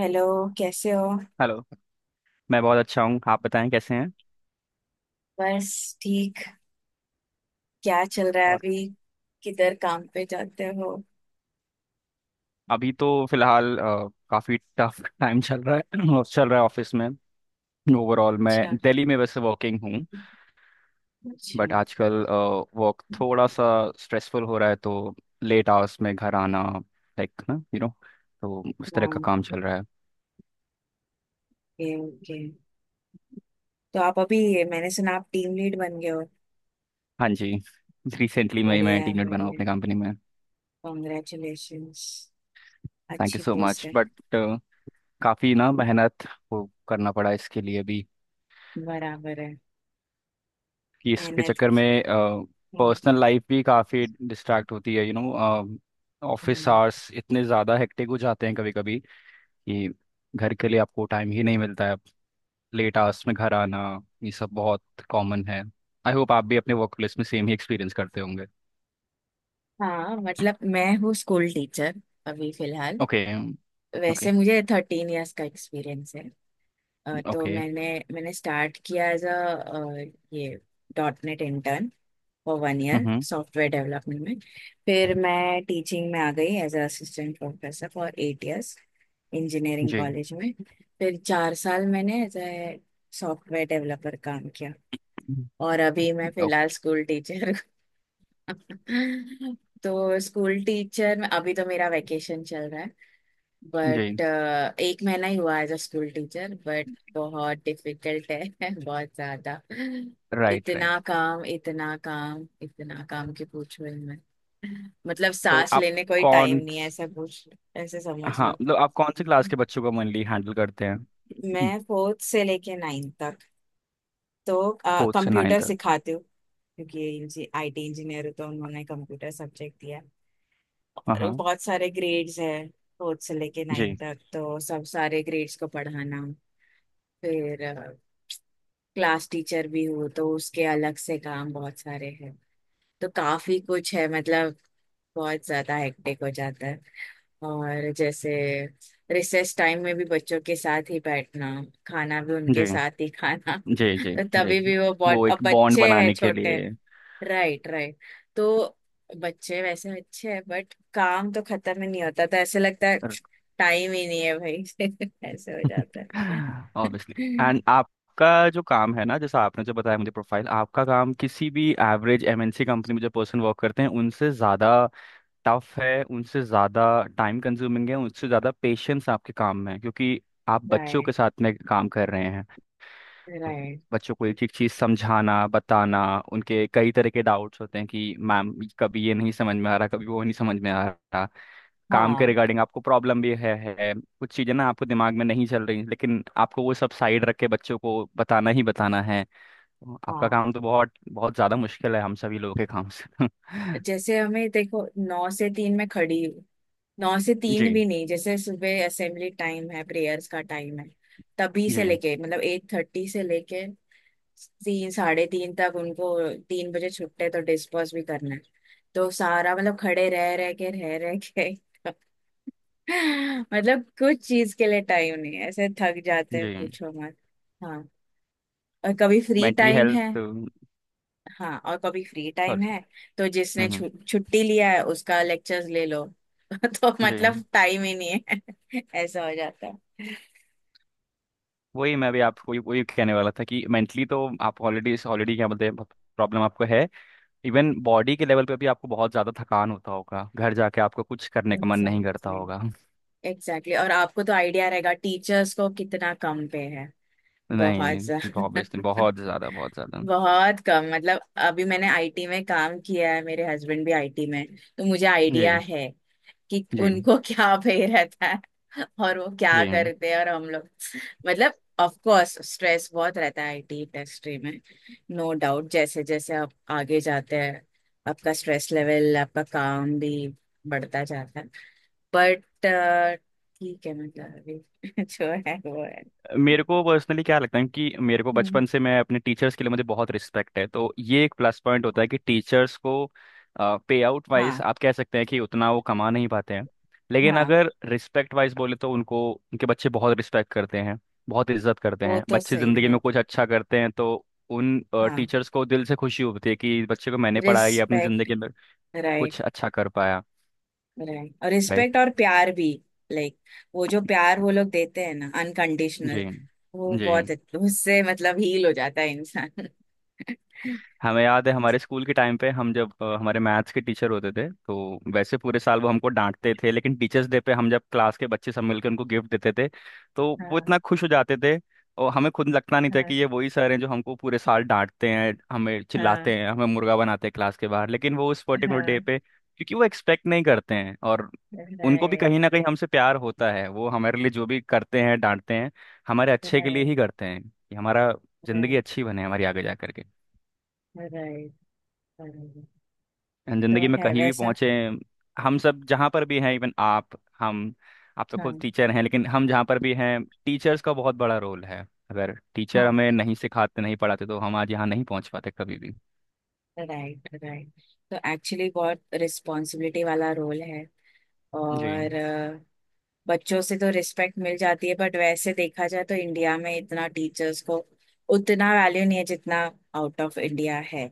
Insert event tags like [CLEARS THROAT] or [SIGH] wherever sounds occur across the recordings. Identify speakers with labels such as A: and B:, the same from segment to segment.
A: Hello. कैसे हो?
B: Hello. मैं बहुत अच्छा हूँ, आप बताएं कैसे हैं।
A: बस ठीक। क्या चल रहा है
B: और
A: अभी? किधर काम पे जाते हो?
B: अभी तो फिलहाल काफी टफ टाइम [LAUGHS] चल रहा है [CLEARS THROAT] और चल रहा है ऑफिस में। ओवरऑल मैं
A: अच्छा।
B: दिल्ली में वैसे वर्किंग हूँ,
A: अच्छा।
B: बट आजकल वर्क थोड़ा सा स्ट्रेसफुल हो रहा है तो लेट आवर्स में घर आना, लाइक ना तो उस तरह का
A: हाँ,
B: काम चल रहा है।
A: Okay okay. तो आप अभी, मैंने सुना आप टीम लीड बन गए हो।
B: हाँ जी, रिसेंटली मैं
A: बढ़िया है,
B: टीम लीड बना हूँ
A: बढ़िया है।
B: अपनी कंपनी में।
A: कॉन्ग्रेचुलेशंस।
B: थैंक यू
A: अच्छी
B: सो
A: पोस्ट
B: मच,
A: है।
B: बट काफ़ी ना मेहनत वो करना पड़ा इसके लिए भी
A: बराबर है।
B: कि इसके
A: मेहनत
B: चक्कर में
A: की।
B: पर्सनल लाइफ भी काफ़ी डिस्ट्रैक्ट होती है। Office
A: hmm.
B: आवर्स इतने ज़्यादा हेक्टिक हो जाते हैं कभी कभी कि घर के लिए आपको टाइम ही नहीं मिलता है। लेट आवर्स में घर आना, ये सब बहुत कॉमन है। आई होप आप भी अपने वर्क प्लेस में सेम ही एक्सपीरियंस करते होंगे।
A: हाँ, मतलब मैं हूँ स्कूल टीचर अभी फिलहाल।
B: ओके ओके
A: वैसे मुझे 13 इयर्स का एक्सपीरियंस है। तो
B: ओके।
A: मैंने मैंने स्टार्ट किया एज अ ये dot net intern for 1 year
B: hmm.
A: Software development में। फिर मैं टीचिंग में आ गई as a assistant professor for 8 years engineering
B: जी।
A: कॉलेज में। फिर 4 साल मैंने एज ए सॉफ्टवेयर डेवलपर काम किया। और अभी मैं
B: ओके।
A: फिलहाल स्कूल टीचर। [LAUGHS] तो स्कूल टीचर में अभी तो मेरा वेकेशन चल रहा है। बट
B: जी।
A: एक महीना ही हुआ as a school teacher, but बहुत डिफिकल्ट है। [LAUGHS] बहुत ज्यादा।
B: Right right.
A: इतना काम, इतना काम, इतना काम कि पूछो ही मत। मतलब
B: तो
A: सांस
B: आप
A: लेने कोई टाइम
B: कौन।
A: नहीं है, ऐसा पूछ, ऐसे समझ
B: हाँ
A: लो।
B: मतलब आप कौन से क्लास के बच्चों का मेनली हैंडल करते हैं।
A: मैं फोर्थ से लेके नाइन्थ तक तो
B: फोर्थ से नाइन
A: कंप्यूटर
B: तक।
A: सिखाती हूँ। क्योंकि आईटी इंजीनियर हूँ तो उन्होंने कंप्यूटर सब्जेक्ट दिया,
B: हाँ
A: और
B: हाँ।
A: बहुत सारे ग्रेड्स हैं। फोर्थ से लेके नाइन्थ तक तो सब सारे ग्रेड्स को पढ़ाना। फिर क्लास टीचर भी हूँ तो उसके अलग से काम बहुत सारे हैं। तो काफी कुछ है मतलब, बहुत ज्यादा हेक्टिक हो जाता है। और जैसे रिसेस टाइम में भी बच्चों के साथ ही बैठना, खाना भी उनके
B: जी
A: साथ ही खाना
B: जी
A: [LAUGHS]
B: जी
A: तो तभी
B: जी,
A: भी वो
B: वो
A: बहुत, अब
B: एक बॉन्ड
A: बच्चे हैं
B: बनाने के
A: छोटे।
B: लिए।
A: Right right. तो बच्चे वैसे अच्छे हैं बट काम तो खत्म ही नहीं होता, तो ऐसे लगता है
B: [LAUGHS]
A: टाइम ही नहीं है भाई। [LAUGHS] ऐसे हो जाता है। [LAUGHS]
B: ऑब्वियसली। एंड आपका जो काम है ना, जैसा आपने जो बताया मुझे, प्रोफाइल आपका, काम किसी भी एवरेज एमएनसी कंपनी में जो पर्सन वर्क करते हैं उनसे ज़्यादा टफ है, उनसे ज़्यादा टाइम कंज्यूमिंग है, उनसे ज़्यादा पेशेंस आपके काम में है, क्योंकि आप बच्चों के
A: राइट
B: साथ में काम कर रहे हैं। तो
A: राइट।
B: बच्चों को एक एक चीज़ समझाना, बताना, उनके कई तरह के डाउट्स होते हैं कि मैम कभी ये नहीं समझ में आ रहा, कभी वो नहीं समझ में आ रहा। काम के
A: हाँ
B: रिगार्डिंग आपको प्रॉब्लम भी है कुछ चीज़ें ना आपको दिमाग में नहीं चल रही, लेकिन आपको वो सब साइड रख के बच्चों को बताना ही बताना है। आपका
A: हाँ।
B: काम तो बहुत बहुत ज़्यादा मुश्किल है हम सभी लोगों के काम से। [LAUGHS]
A: जैसे हमें देखो, नौ से तीन में खड़ी हूँ। नौ से तीन
B: जी
A: भी नहीं, जैसे सुबह असेंबली टाइम है, प्रेयर्स का टाइम है, तभी से
B: जी
A: लेके मतलब 8:30 से लेके तीन साढ़े तीन तक उनको। तीन बजे छुट्टे तो डिस्पर्स भी करना है। तो सारा मतलब खड़े रह रह के [LAUGHS] मतलब कुछ चीज के लिए टाइम नहीं है। ऐसे थक जाते
B: जी।
A: हैं, पूछो मत। हाँ, और कभी फ्री
B: मेंटली
A: टाइम है।
B: हेल्थ।
A: हाँ और कभी फ्री टाइम
B: सॉरी।
A: है तो जिसने
B: हम्म।
A: छुट्टी लिया है उसका लेक्चर्स ले लो। [LAUGHS] तो
B: जी,
A: मतलब टाइम ही नहीं है। [LAUGHS] ऐसा हो जाता है।
B: वही मैं भी आपको वही वही कहने वाला था कि मेंटली तो आप ऑलरेडी ऑलरेडी क्या बोलते हैं, प्रॉब्लम आपको है। इवन बॉडी के लेवल पे भी आपको बहुत ज़्यादा थकान होता होगा, घर जाके आपको कुछ करने का मन नहीं
A: एग्जैक्टली
B: करता
A: exactly।
B: होगा।
A: Exactly exactly। और आपको तो आइडिया रहेगा टीचर्स को कितना कम पे है।
B: नहीं,
A: बहुत
B: ऑब्वियसली
A: ज्यादा।
B: बहुत ज्यादा बहुत ज्यादा।
A: [LAUGHS] बहुत कम मतलब। अभी मैंने आईटी में काम किया है, मेरे हस्बैंड भी आईटी में, तो मुझे आइडिया
B: जी
A: है कि
B: जी
A: उनको [LAUGHS] क्या भय रहता है और वो क्या
B: जी।
A: करते हैं, और हम लोग, मतलब ऑफ कोर्स स्ट्रेस बहुत रहता है आईटी इंडस्ट्री में। नो डाउट, जैसे जैसे आप आगे जाते हैं, आपका स्ट्रेस लेवल, आपका काम भी बढ़ता जाता है। बट ठीक है मतलब, अभी [LAUGHS] जो है वो है।
B: मेरे को पर्सनली क्या लगता है कि मेरे को
A: हम्म।
B: बचपन से, मैं अपने टीचर्स के लिए, मुझे बहुत रिस्पेक्ट है, तो ये एक प्लस पॉइंट होता है कि टीचर्स को पे आउट वाइज
A: हाँ।
B: आप कह सकते हैं कि उतना वो कमा नहीं पाते हैं, लेकिन
A: हाँ,
B: अगर रिस्पेक्ट वाइज बोले तो उनको उनके बच्चे बहुत रिस्पेक्ट करते हैं, बहुत इज्जत करते
A: वो
B: हैं।
A: तो
B: बच्चे
A: सही
B: जिंदगी
A: है।
B: में कुछ अच्छा करते हैं तो उन
A: हाँ,
B: टीचर्स को दिल से खुशी होती है कि बच्चे को मैंने पढ़ाया, ये अपनी
A: रिस्पेक्ट।
B: जिंदगी में
A: राइट
B: कुछ अच्छा कर पाया।
A: राइट। और
B: राइट।
A: रिस्पेक्ट और प्यार भी। लाइक, वो जो प्यार वो लोग देते हैं ना अनकंडीशनल,
B: जी
A: वो
B: जी।
A: बहुत उससे मतलब हील हो जाता है इंसान। [LAUGHS]
B: हमें याद है हमारे स्कूल के टाइम पे, हम जब हमारे मैथ्स के टीचर होते थे तो वैसे पूरे साल वो हमको डांटते थे, लेकिन टीचर्स डे पे हम जब क्लास के बच्चे सब मिलकर उनको गिफ्ट देते थे, तो वो
A: हाँ
B: इतना खुश हो जाते थे। और हमें खुद लगता नहीं था
A: हाँ।
B: कि ये वही सर हैं जो हमको पूरे साल डांटते हैं, हमें
A: हाँ
B: चिल्लाते हैं, हमें मुर्गा बनाते हैं क्लास के बाहर, लेकिन वो उस पर्टिकुलर डे
A: हाँ।
B: पे क्योंकि वो एक्सपेक्ट नहीं करते हैं, और उनको भी
A: राइट
B: कहीं ना कहीं हमसे प्यार होता है। वो हमारे लिए जो भी करते हैं, डांटते हैं, हमारे अच्छे के लिए
A: राइट।
B: ही करते हैं कि हमारा जिंदगी
A: राइट
B: अच्छी बने, हमारी आगे जा करके
A: राइट राइट। तो
B: जिंदगी में
A: है
B: कहीं भी
A: वैसा।
B: पहुंचे। हम सब जहाँ पर भी हैं, इवन आप, हम, आप तो
A: हाँ
B: खुद टीचर हैं, लेकिन हम जहाँ पर भी हैं टीचर्स का बहुत बड़ा रोल है। अगर टीचर
A: हाँ।
B: हमें नहीं सिखाते, नहीं पढ़ाते, तो हम आज यहाँ नहीं पहुंच पाते कभी भी।
A: Right right. तो एक्चुअली बहुत रिस्पॉन्सिबिलिटी वाला रोल है।
B: जी।
A: और बच्चों से तो रिस्पेक्ट मिल जाती है बट वैसे देखा जाए तो इंडिया में इतना टीचर्स को उतना वैल्यू नहीं है जितना आउट ऑफ इंडिया है।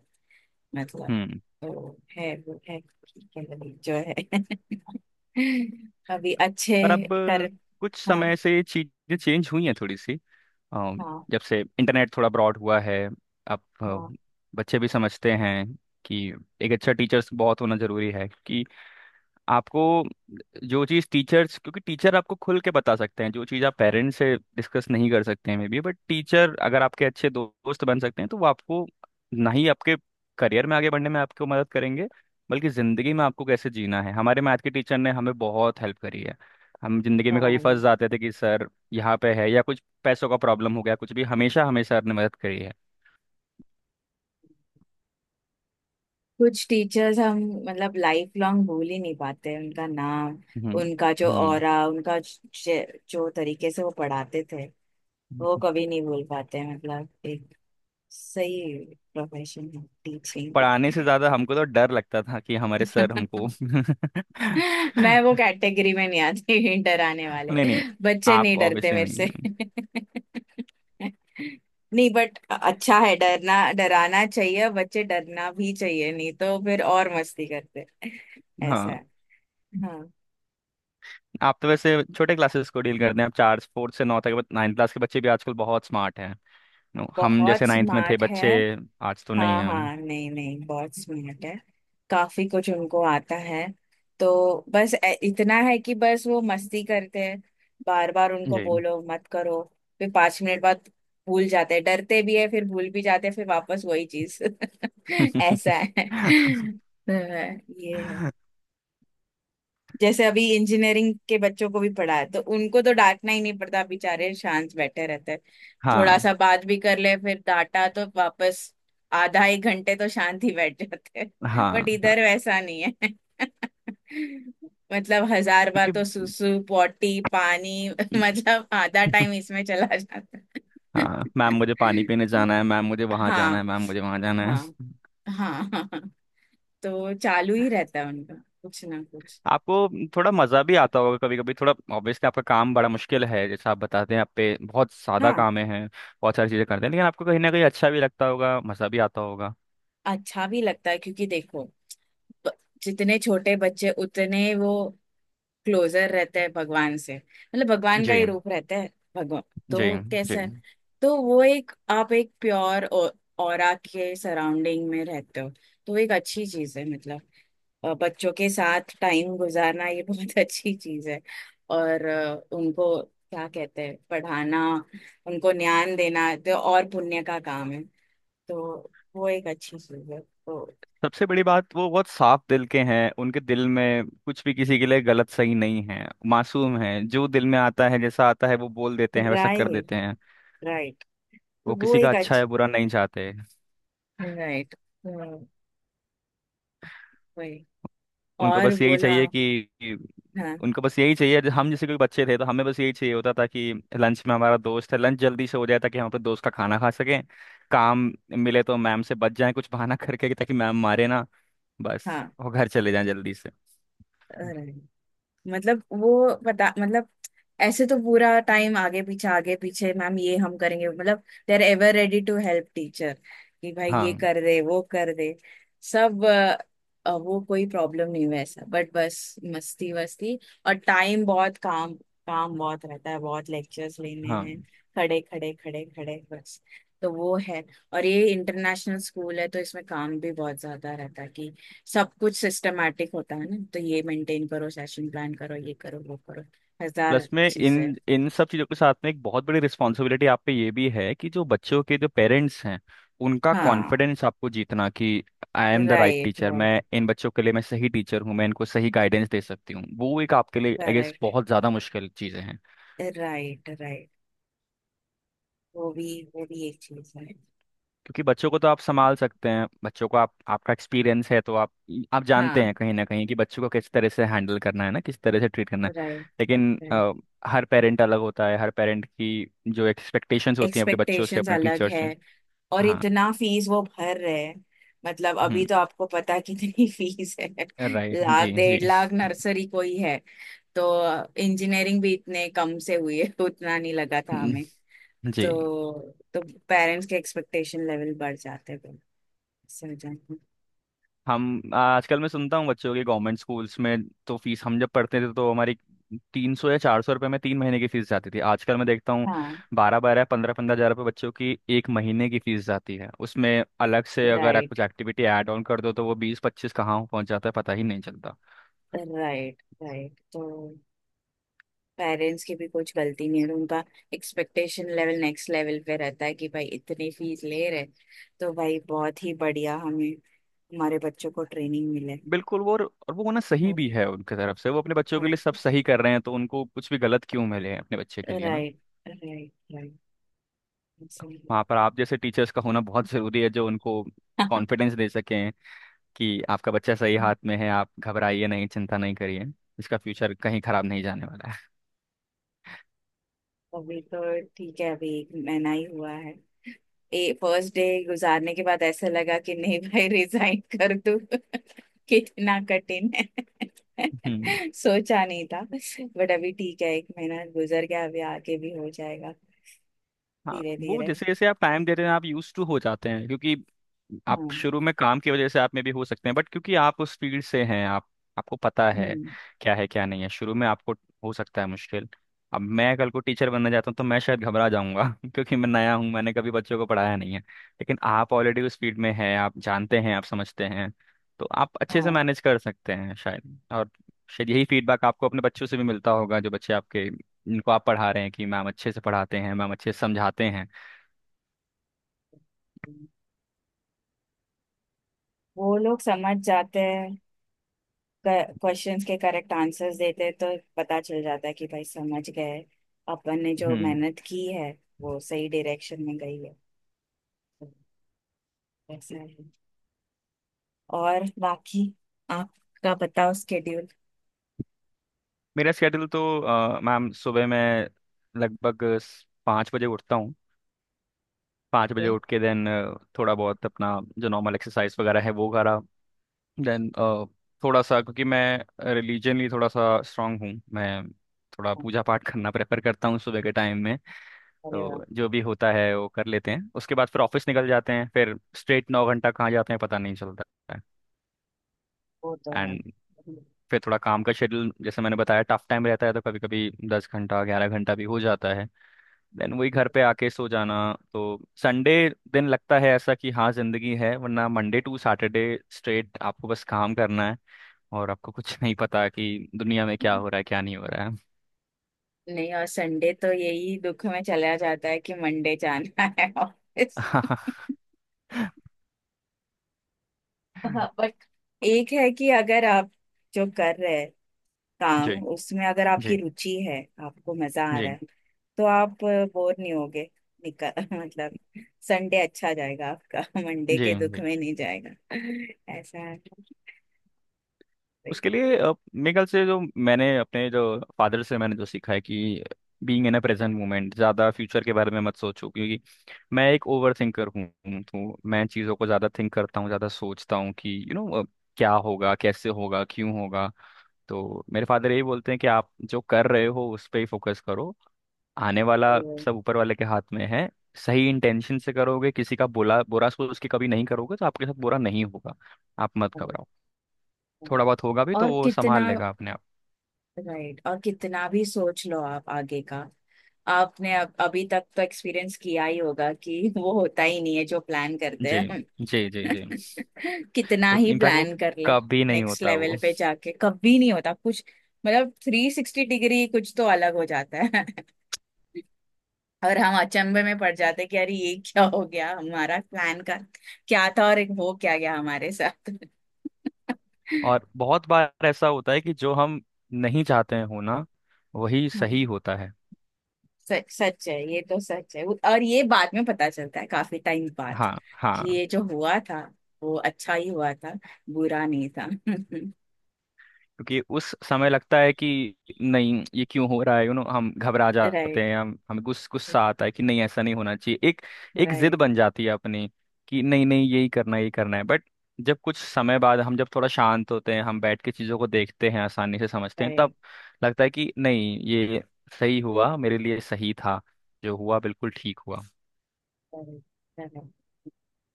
A: मतलब,
B: हम्म।
A: तो है वो है। ठीक है भाई, जो है। [LAUGHS] अभी अच्छे
B: पर अब
A: कर।
B: कुछ
A: हाँ
B: समय से चीज़ें चेंज हुई हैं थोड़ी सी। अ,
A: हाँ।
B: जब से इंटरनेट थोड़ा ब्रॉड हुआ है, अब
A: हाँ
B: बच्चे भी समझते हैं कि एक अच्छा टीचर्स बहुत होना जरूरी है कि आपको जो चीज़, टीचर्स, क्योंकि टीचर आपको खुल के बता सकते हैं जो चीज़ आप पेरेंट्स से डिस्कस नहीं कर सकते हैं मे बी, बट टीचर अगर आपके अच्छे दोस्त बन सकते हैं तो वो आपको ना ही आपके करियर में आगे बढ़ने में आपको मदद करेंगे, बल्कि ज़िंदगी में आपको कैसे जीना है। हमारे मैथ के टीचर ने हमें बहुत हेल्प करी है। हम ज़िंदगी में कहीं फंस
A: हाँ।
B: जाते थे कि सर यहाँ पे है या कुछ पैसों का प्रॉब्लम हो गया, कुछ भी, हमेशा हमें सर ने मदद करी है।
A: कुछ टीचर्स हम मतलब लाइफ लॉन्ग भूल ही नहीं पाते उनका नाम,
B: हम्म
A: उनका जो
B: हम्म
A: ऑरा, उनका जो तरीके से वो पढ़ाते थे वो
B: हम्म।
A: कभी नहीं भूल पाते। मतलब एक सही प्रोफेशन है टीचिंग भी।
B: पढ़ाने से ज़्यादा हमको तो डर लगता था कि हमारे सर
A: [LAUGHS]
B: हमको।
A: मैं वो
B: [LAUGHS]
A: कैटेगरी में नहीं आती, [LAUGHS] डराने वाले।
B: नहीं नहीं,
A: बच्चे नहीं
B: आप
A: डरते
B: ऑब्वियसली
A: मेरे
B: नहीं
A: से।
B: हैं।
A: [LAUGHS] नहीं बट अच्छा है डरना, डराना चाहिए बच्चे, डरना भी चाहिए नहीं तो फिर और मस्ती करते। [LAUGHS] ऐसा
B: हाँ।
A: है। हाँ
B: आप तो वैसे छोटे क्लासेस को डील करते हैं। आप चार फोर्थ से नौ तक नाइन्थ क्लास के बच्चे भी आजकल बहुत स्मार्ट हैं। नो, हम
A: बहुत
B: जैसे नाइन्थ में थे
A: स्मार्ट है।
B: बच्चे आज तो नहीं
A: हाँ
B: हैं हम।
A: हाँ नहीं नहीं बहुत स्मार्ट है, काफी कुछ उनको आता है। तो बस इतना है कि बस वो मस्ती करते हैं, बार बार उनको
B: जी।
A: बोलो मत करो, फिर 5 मिनट बाद भूल जाते हैं, डरते भी है फिर भूल भी जाते हैं फिर वापस वही चीज। [LAUGHS] ऐसा है
B: [LAUGHS]
A: तो ये है। जैसे अभी इंजीनियरिंग के बच्चों को भी पढ़ा है तो उनको तो डांटना ही नहीं पड़ता, बेचारे शांत बैठे रहते हैं, थोड़ा
B: हाँ
A: सा बात भी कर ले फिर डांटा तो वापस आधा एक घंटे तो शांत ही बैठ जाते हैं। [LAUGHS] बट
B: हाँ हाँ।
A: इधर वैसा नहीं है। [LAUGHS] मतलब हजार बार
B: क्योंकि
A: तो सुसु पॉटी पानी [LAUGHS] मतलब आधा टाइम
B: [LAUGHS]
A: इसमें चला जाता है।
B: हाँ मैम मुझे पानी पीने जाना है, मैम मुझे
A: [LAUGHS]
B: वहाँ जाना है,
A: हाँ
B: मैम मुझे वहाँ जाना है।
A: हाँ। हाँ हाँ। तो चालू ही रहता है उनका कुछ ना कुछ।
B: आपको थोड़ा मज़ा भी आता होगा कभी कभी थोड़ा, ऑब्वियसली आपका काम बड़ा मुश्किल है जैसा आप बताते हैं, आप पे बहुत सादा
A: हाँ
B: काम है, बहुत सारी चीज़ें करते हैं, लेकिन आपको कहीं ना कहीं अच्छा भी लगता होगा, मज़ा भी आता होगा।
A: अच्छा भी लगता है क्योंकि देखो, ब- जितने छोटे बच्चे उतने वो क्लोजर रहते हैं भगवान से, मतलब भगवान का
B: जी
A: ही रूप रहता है भगवान।
B: जी
A: तो
B: जी।
A: कैसा है। तो वो एक, आप एक प्योर ऑरा के सराउंडिंग में रहते हो, तो एक अच्छी चीज है मतलब। बच्चों के साथ टाइम गुजारना ये बहुत [LAUGHS] अच्छी चीज है। और उनको क्या कहते हैं पढ़ाना, उनको ज्ञान देना तो और पुण्य का काम है, तो वो एक अच्छी चीज है। तो
B: सबसे बड़ी बात वो बहुत साफ दिल के हैं, उनके दिल में कुछ भी किसी के लिए गलत सही नहीं है। मासूम है, जो दिल में आता है जैसा आता है वो बोल देते हैं, वैसा कर देते
A: राइट
B: हैं।
A: राइट। तो
B: वो
A: वो
B: किसी का
A: एक।
B: अच्छा या बुरा नहीं चाहते।
A: राइट। वही,
B: उनको
A: और
B: बस यही
A: बोला।
B: चाहिए कि,
A: हाँ
B: उनको बस यही चाहिए, हम जैसे कोई बच्चे थे तो हमें बस यही चाहिए होता था कि लंच में हमारा दोस्त है, लंच जल्दी से हो जाए ताकि हम अपने दोस्त का खाना खा सकें। काम मिले तो मैम से बच जाएं, कुछ बहाना [LAUGHS] करके, कि ताकि मैम मारे ना, बस
A: हाँ।
B: वो घर चले जाएं जल्दी से।
A: राइट। मतलब वो पता मतलब ऐसे तो पूरा टाइम आगे पीछे मैम ये हम करेंगे, मतलब they are ever ready to help teacher कि भाई ये
B: हाँ
A: कर दे, वो कर दे, सब वो कोई प्रॉब्लम नहीं वैसा बट बस मस्ती वस्ती। और टाइम बहुत काम, काम बहुत रहता है, बहुत लेक्चर्स लेने
B: हाँ।
A: हैं, खड़े खड़े खड़े खड़े बस, तो वो है। और ये इंटरनेशनल स्कूल है तो इसमें काम भी बहुत ज्यादा रहता है कि सब कुछ सिस्टमेटिक होता है ना, तो ये मेंटेन करो, सेशन प्लान करो, ये करो वो करो, हजार
B: प्लस में, इन
A: चीजें।
B: इन सब चीज़ों के साथ में एक बहुत बड़ी रिस्पॉन्सिबिलिटी आप पे ये भी है कि जो बच्चों के जो पेरेंट्स हैं, उनका
A: हाँ
B: कॉन्फिडेंस आपको जीतना, कि I am the right
A: right
B: teacher,
A: right.
B: मैं इन बच्चों के लिए मैं सही टीचर हूँ, मैं इनको सही गाइडेंस दे सकती हूँ। वो एक आपके लिए आई गेस
A: करेक्ट।
B: बहुत ज़्यादा मुश्किल चीज़ें हैं।
A: Right right. वो भी, वो भी एक चीज है।
B: क्योंकि बच्चों को तो आप संभाल सकते हैं, बच्चों को आप, आपका एक्सपीरियंस है तो आप जानते
A: हाँ
B: हैं कहीं ना कहीं कि बच्चों को किस तरह से हैंडल करना है ना, किस तरह से ट्रीट करना है।
A: राइट
B: लेकिन
A: राइट।
B: हर पेरेंट अलग होता है, हर पेरेंट की जो एक्सपेक्टेशंस होती हैं अपने बच्चों से,
A: एक्सपेक्टेशंस
B: अपने
A: अलग है,
B: टीचर्स।
A: और
B: हाँ।
A: इतना फीस वो भर रहे हैं, मतलब अभी
B: हम्म।
A: तो आपको पता कितनी [LAUGHS] फीस है।
B: राइट।
A: लाख
B: जी जी।
A: डेढ़ लाख नर्सरी कोई है तो। इंजीनियरिंग भी इतने कम से हुई है तो उतना नहीं लगा था हमें।
B: हम्म। जी।
A: तो पेरेंट्स के एक्सपेक्टेशन लेवल बढ़ जाते हैं फिर, इससे हो जाता है।
B: हम आजकल, मैं सुनता हूँ बच्चों के, गवर्नमेंट स्कूल्स में तो फीस, हम जब पढ़ते थे तो हमारी 300 या 400 रुपये में 3 महीने की फीस जाती थी, आजकल मैं देखता हूँ
A: हाँ
B: 12-12 15-15 हज़ार रुपये बच्चों की 1 महीने की फीस जाती है, उसमें अलग से अगर आप
A: राइट
B: कुछ एक्टिविटी ऐड ऑन कर दो तो वो 20-25 कहाँ पहुँच जाता है पता ही नहीं चलता।
A: Right right. तो पेरेंट्स की भी कुछ गलती नहीं है, तो उनका एक्सपेक्टेशन लेवल नेक्स्ट लेवल पे रहता है कि भाई इतनी फीस ले रहे तो भाई बहुत ही बढ़िया हमें हमारे बच्चों को ट्रेनिंग मिले।
B: बिल्कुल। वो और वो होना सही
A: हम्म,
B: भी है उनकी तरफ से, वो अपने बच्चों के
A: हाँ
B: लिए सब सही कर रहे हैं, तो उनको कुछ भी गलत क्यों मिले अपने बच्चे के लिए।
A: Right right right.
B: वहाँ पर आप जैसे टीचर्स का होना बहुत ज़रूरी है जो उनको
A: [LAUGHS]
B: कॉन्फिडेंस दे सकें कि आपका बच्चा सही हाथ में है, आप घबराइए नहीं, चिंता नहीं करिए, इसका फ्यूचर कहीं खराब नहीं जाने वाला
A: अभी तो ठीक है, अभी एक महीना ही हुआ है। ए फर्स्ट डे गुजारने के बाद ऐसा लगा कि नहीं भाई रिजाइन कर दूं, [LAUGHS] कितना कठिन है।
B: है।
A: [LAUGHS]
B: [LAUGHS]
A: सोचा नहीं था बट अभी ठीक है, एक महीना गुजर गया, अभी आगे भी हो जाएगा
B: हाँ,
A: धीरे
B: वो
A: धीरे।
B: जैसे जैसे आप टाइम दे रहे हैं, आप यूज टू हो जाते हैं क्योंकि आप
A: हाँ
B: शुरू में काम की वजह से आप में भी हो सकते हैं, बट क्योंकि आप उस फील्ड से हैं, आप, आपको पता
A: हम्म
B: है क्या नहीं है। शुरू में आपको हो सकता है मुश्किल। अब मैं कल को टीचर बनना चाहता हूँ तो मैं शायद घबरा जाऊंगा [LAUGHS] क्योंकि मैं नया हूँ, मैंने कभी बच्चों को पढ़ाया नहीं है, लेकिन आप ऑलरेडी उस फील्ड में हैं, आप जानते हैं, आप समझते हैं, तो आप अच्छे से
A: हाँ,
B: मैनेज कर सकते हैं शायद। और शायद यही फीडबैक आपको अपने बच्चों से भी मिलता होगा, जो बच्चे आपके इनको आप पढ़ा रहे हैं, कि मैम अच्छे से पढ़ाते हैं, मैम अच्छे से समझाते हैं।
A: वो लोग समझ जाते हैं, क्वेश्चंस के करेक्ट आंसर्स देते हैं तो पता चल जाता है कि भाई समझ गए, अपन ने जो
B: हम्म।
A: मेहनत की है वो सही डायरेक्शन में गई है। तो ऐसा है, और बाकी आपका बताओ स्केड्यूल।
B: मेरा स्केड्यूल तो मैम सुबह मैं लगभग स- 5 बजे उठता हूँ। 5 बजे
A: है।
B: उठ के देन थोड़ा बहुत अपना जो नॉर्मल एक्सरसाइज वगैरह है वो करा, देन थोड़ा सा, क्योंकि मैं रिलीजनली थोड़ा सा स्ट्रांग हूँ, मैं थोड़ा पूजा पाठ करना प्रेफर करता हूँ सुबह के टाइम में,
A: अरे वाह,
B: तो जो भी होता है वो कर लेते हैं। उसके बाद फिर ऑफिस निकल जाते हैं। फिर स्ट्रेट 9 घंटा कहाँ जाते हैं पता नहीं चलता है।
A: वो तो है।
B: एंड फिर थोड़ा काम का शेड्यूल, जैसे मैंने बताया टफ टाइम रहता है तो कभी कभी 10 घंटा 11 घंटा भी हो जाता है। देन वही घर पे आके सो जाना। तो संडे दिन लगता है ऐसा कि हाँ जिंदगी है, वरना मंडे टू सैटरडे स्ट्रेट आपको बस काम करना है, और आपको कुछ नहीं पता कि दुनिया में क्या हो रहा है क्या नहीं हो रहा
A: नहीं और संडे तो यही दुख में चला जाता है कि मंडे जाना [LAUGHS] है ऑफिस।
B: है।
A: हाँ बट एक है कि अगर आप जो कर रहे हैं
B: [LAUGHS]
A: काम
B: जी
A: उसमें अगर आपकी
B: जी
A: रुचि है, आपको मजा आ रहा
B: जी
A: है तो आप बोर नहीं होगे, निकल [LAUGHS] मतलब संडे अच्छा जाएगा आपका, मंडे
B: जी
A: के दुख
B: जी।
A: में नहीं जाएगा। ऐसा है।
B: उसके लिए मेरे ख्याल से जो मैंने अपने जो फादर से मैंने जो सीखा है कि being in a present moment, ज़्यादा फ्यूचर के बारे में मत सोचो, क्योंकि मैं एक ओवर थिंकर हूँ, तो मैं चीज़ों को ज़्यादा थिंक करता हूँ, ज़्यादा सोचता हूँ कि क्या होगा, कैसे होगा, क्यों होगा। तो मेरे फादर यही बोलते हैं कि आप जो कर रहे हो उस पर ही फोकस करो, आने वाला सब ऊपर वाले के हाथ में है। सही इंटेंशन से करोगे, किसी का बुरा बुरा सोच के कभी नहीं करोगे तो आपके साथ बुरा नहीं होगा। आप मत घबराओ,
A: [LAUGHS]
B: थोड़ा बहुत होगा भी तो
A: और
B: वो संभाल
A: कितना
B: लेगा अपने आप।
A: राइट, और कितना भी सोच लो आप आगे का, आपने अब अभी तक तो एक्सपीरियंस किया ही होगा कि [LAUGHS] वो होता ही नहीं है जो प्लान करते
B: जी
A: हैं हम।
B: जी जी जी।
A: [LAUGHS] कितना
B: वो
A: ही
B: इनफैक्ट वो
A: प्लान कर ले,
B: कभी नहीं
A: नेक्स्ट
B: होता
A: लेवल
B: वो।
A: पे जाके कभी नहीं होता कुछ, मतलब 360 डिग्री कुछ तो अलग हो जाता है। [LAUGHS] और हम अचंभे में पड़ जाते हैं कि अरे ये क्या हो गया हमारा प्लान का क्या था और एक हो क्या गया हमारे साथ।
B: और बहुत बार ऐसा होता है कि जो हम नहीं चाहते हैं होना, वही सही
A: [LAUGHS]
B: होता है।
A: सच सच है, ये तो सच है। और ये बाद में पता चलता है काफी टाइम बाद
B: हाँ
A: कि
B: हाँ।
A: ये जो हुआ था वो अच्छा ही हुआ था, बुरा नहीं था। [LAUGHS]
B: क्योंकि उस समय लगता है कि नहीं ये क्यों हो रहा है, हम घबरा जाते
A: राइट
B: हैं, हम हमें गुस्सा गुस्सा आता है कि नहीं ऐसा नहीं होना चाहिए, एक एक जिद
A: राइट।
B: बन जाती है अपनी कि नहीं नहीं यही करना है, यही करना है। बट जब कुछ समय बाद हम जब थोड़ा शांत होते हैं, हम बैठ के चीज़ों को देखते हैं, आसानी से समझते हैं, तब
A: राइट
B: लगता है कि नहीं ये सही हुआ, मेरे लिए सही था, जो हुआ बिल्कुल ठीक हुआ।
A: राइट।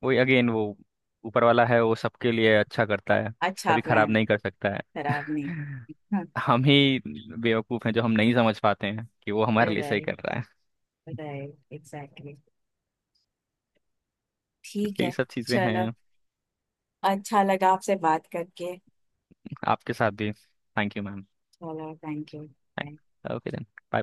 B: वही अगेन, वो ऊपर वाला है वो सबके लिए अच्छा करता है,
A: अच्छा
B: कभी खराब
A: प्लान
B: नहीं कर सकता है।
A: खराब नहीं। हाँ
B: [LAUGHS] हम ही बेवकूफ हैं जो हम नहीं समझ पाते हैं कि वो हमारे लिए सही
A: राइट
B: कर रहा है।
A: Right exactly. [LAUGHS] ठीक
B: यही
A: है,
B: सब चीजें
A: चलो,
B: हैं।
A: अच्छा लगा आपसे बात करके,
B: आपके साथ भी, थैंक यू मैम।
A: चलो thank you.
B: Okay then, bye bye.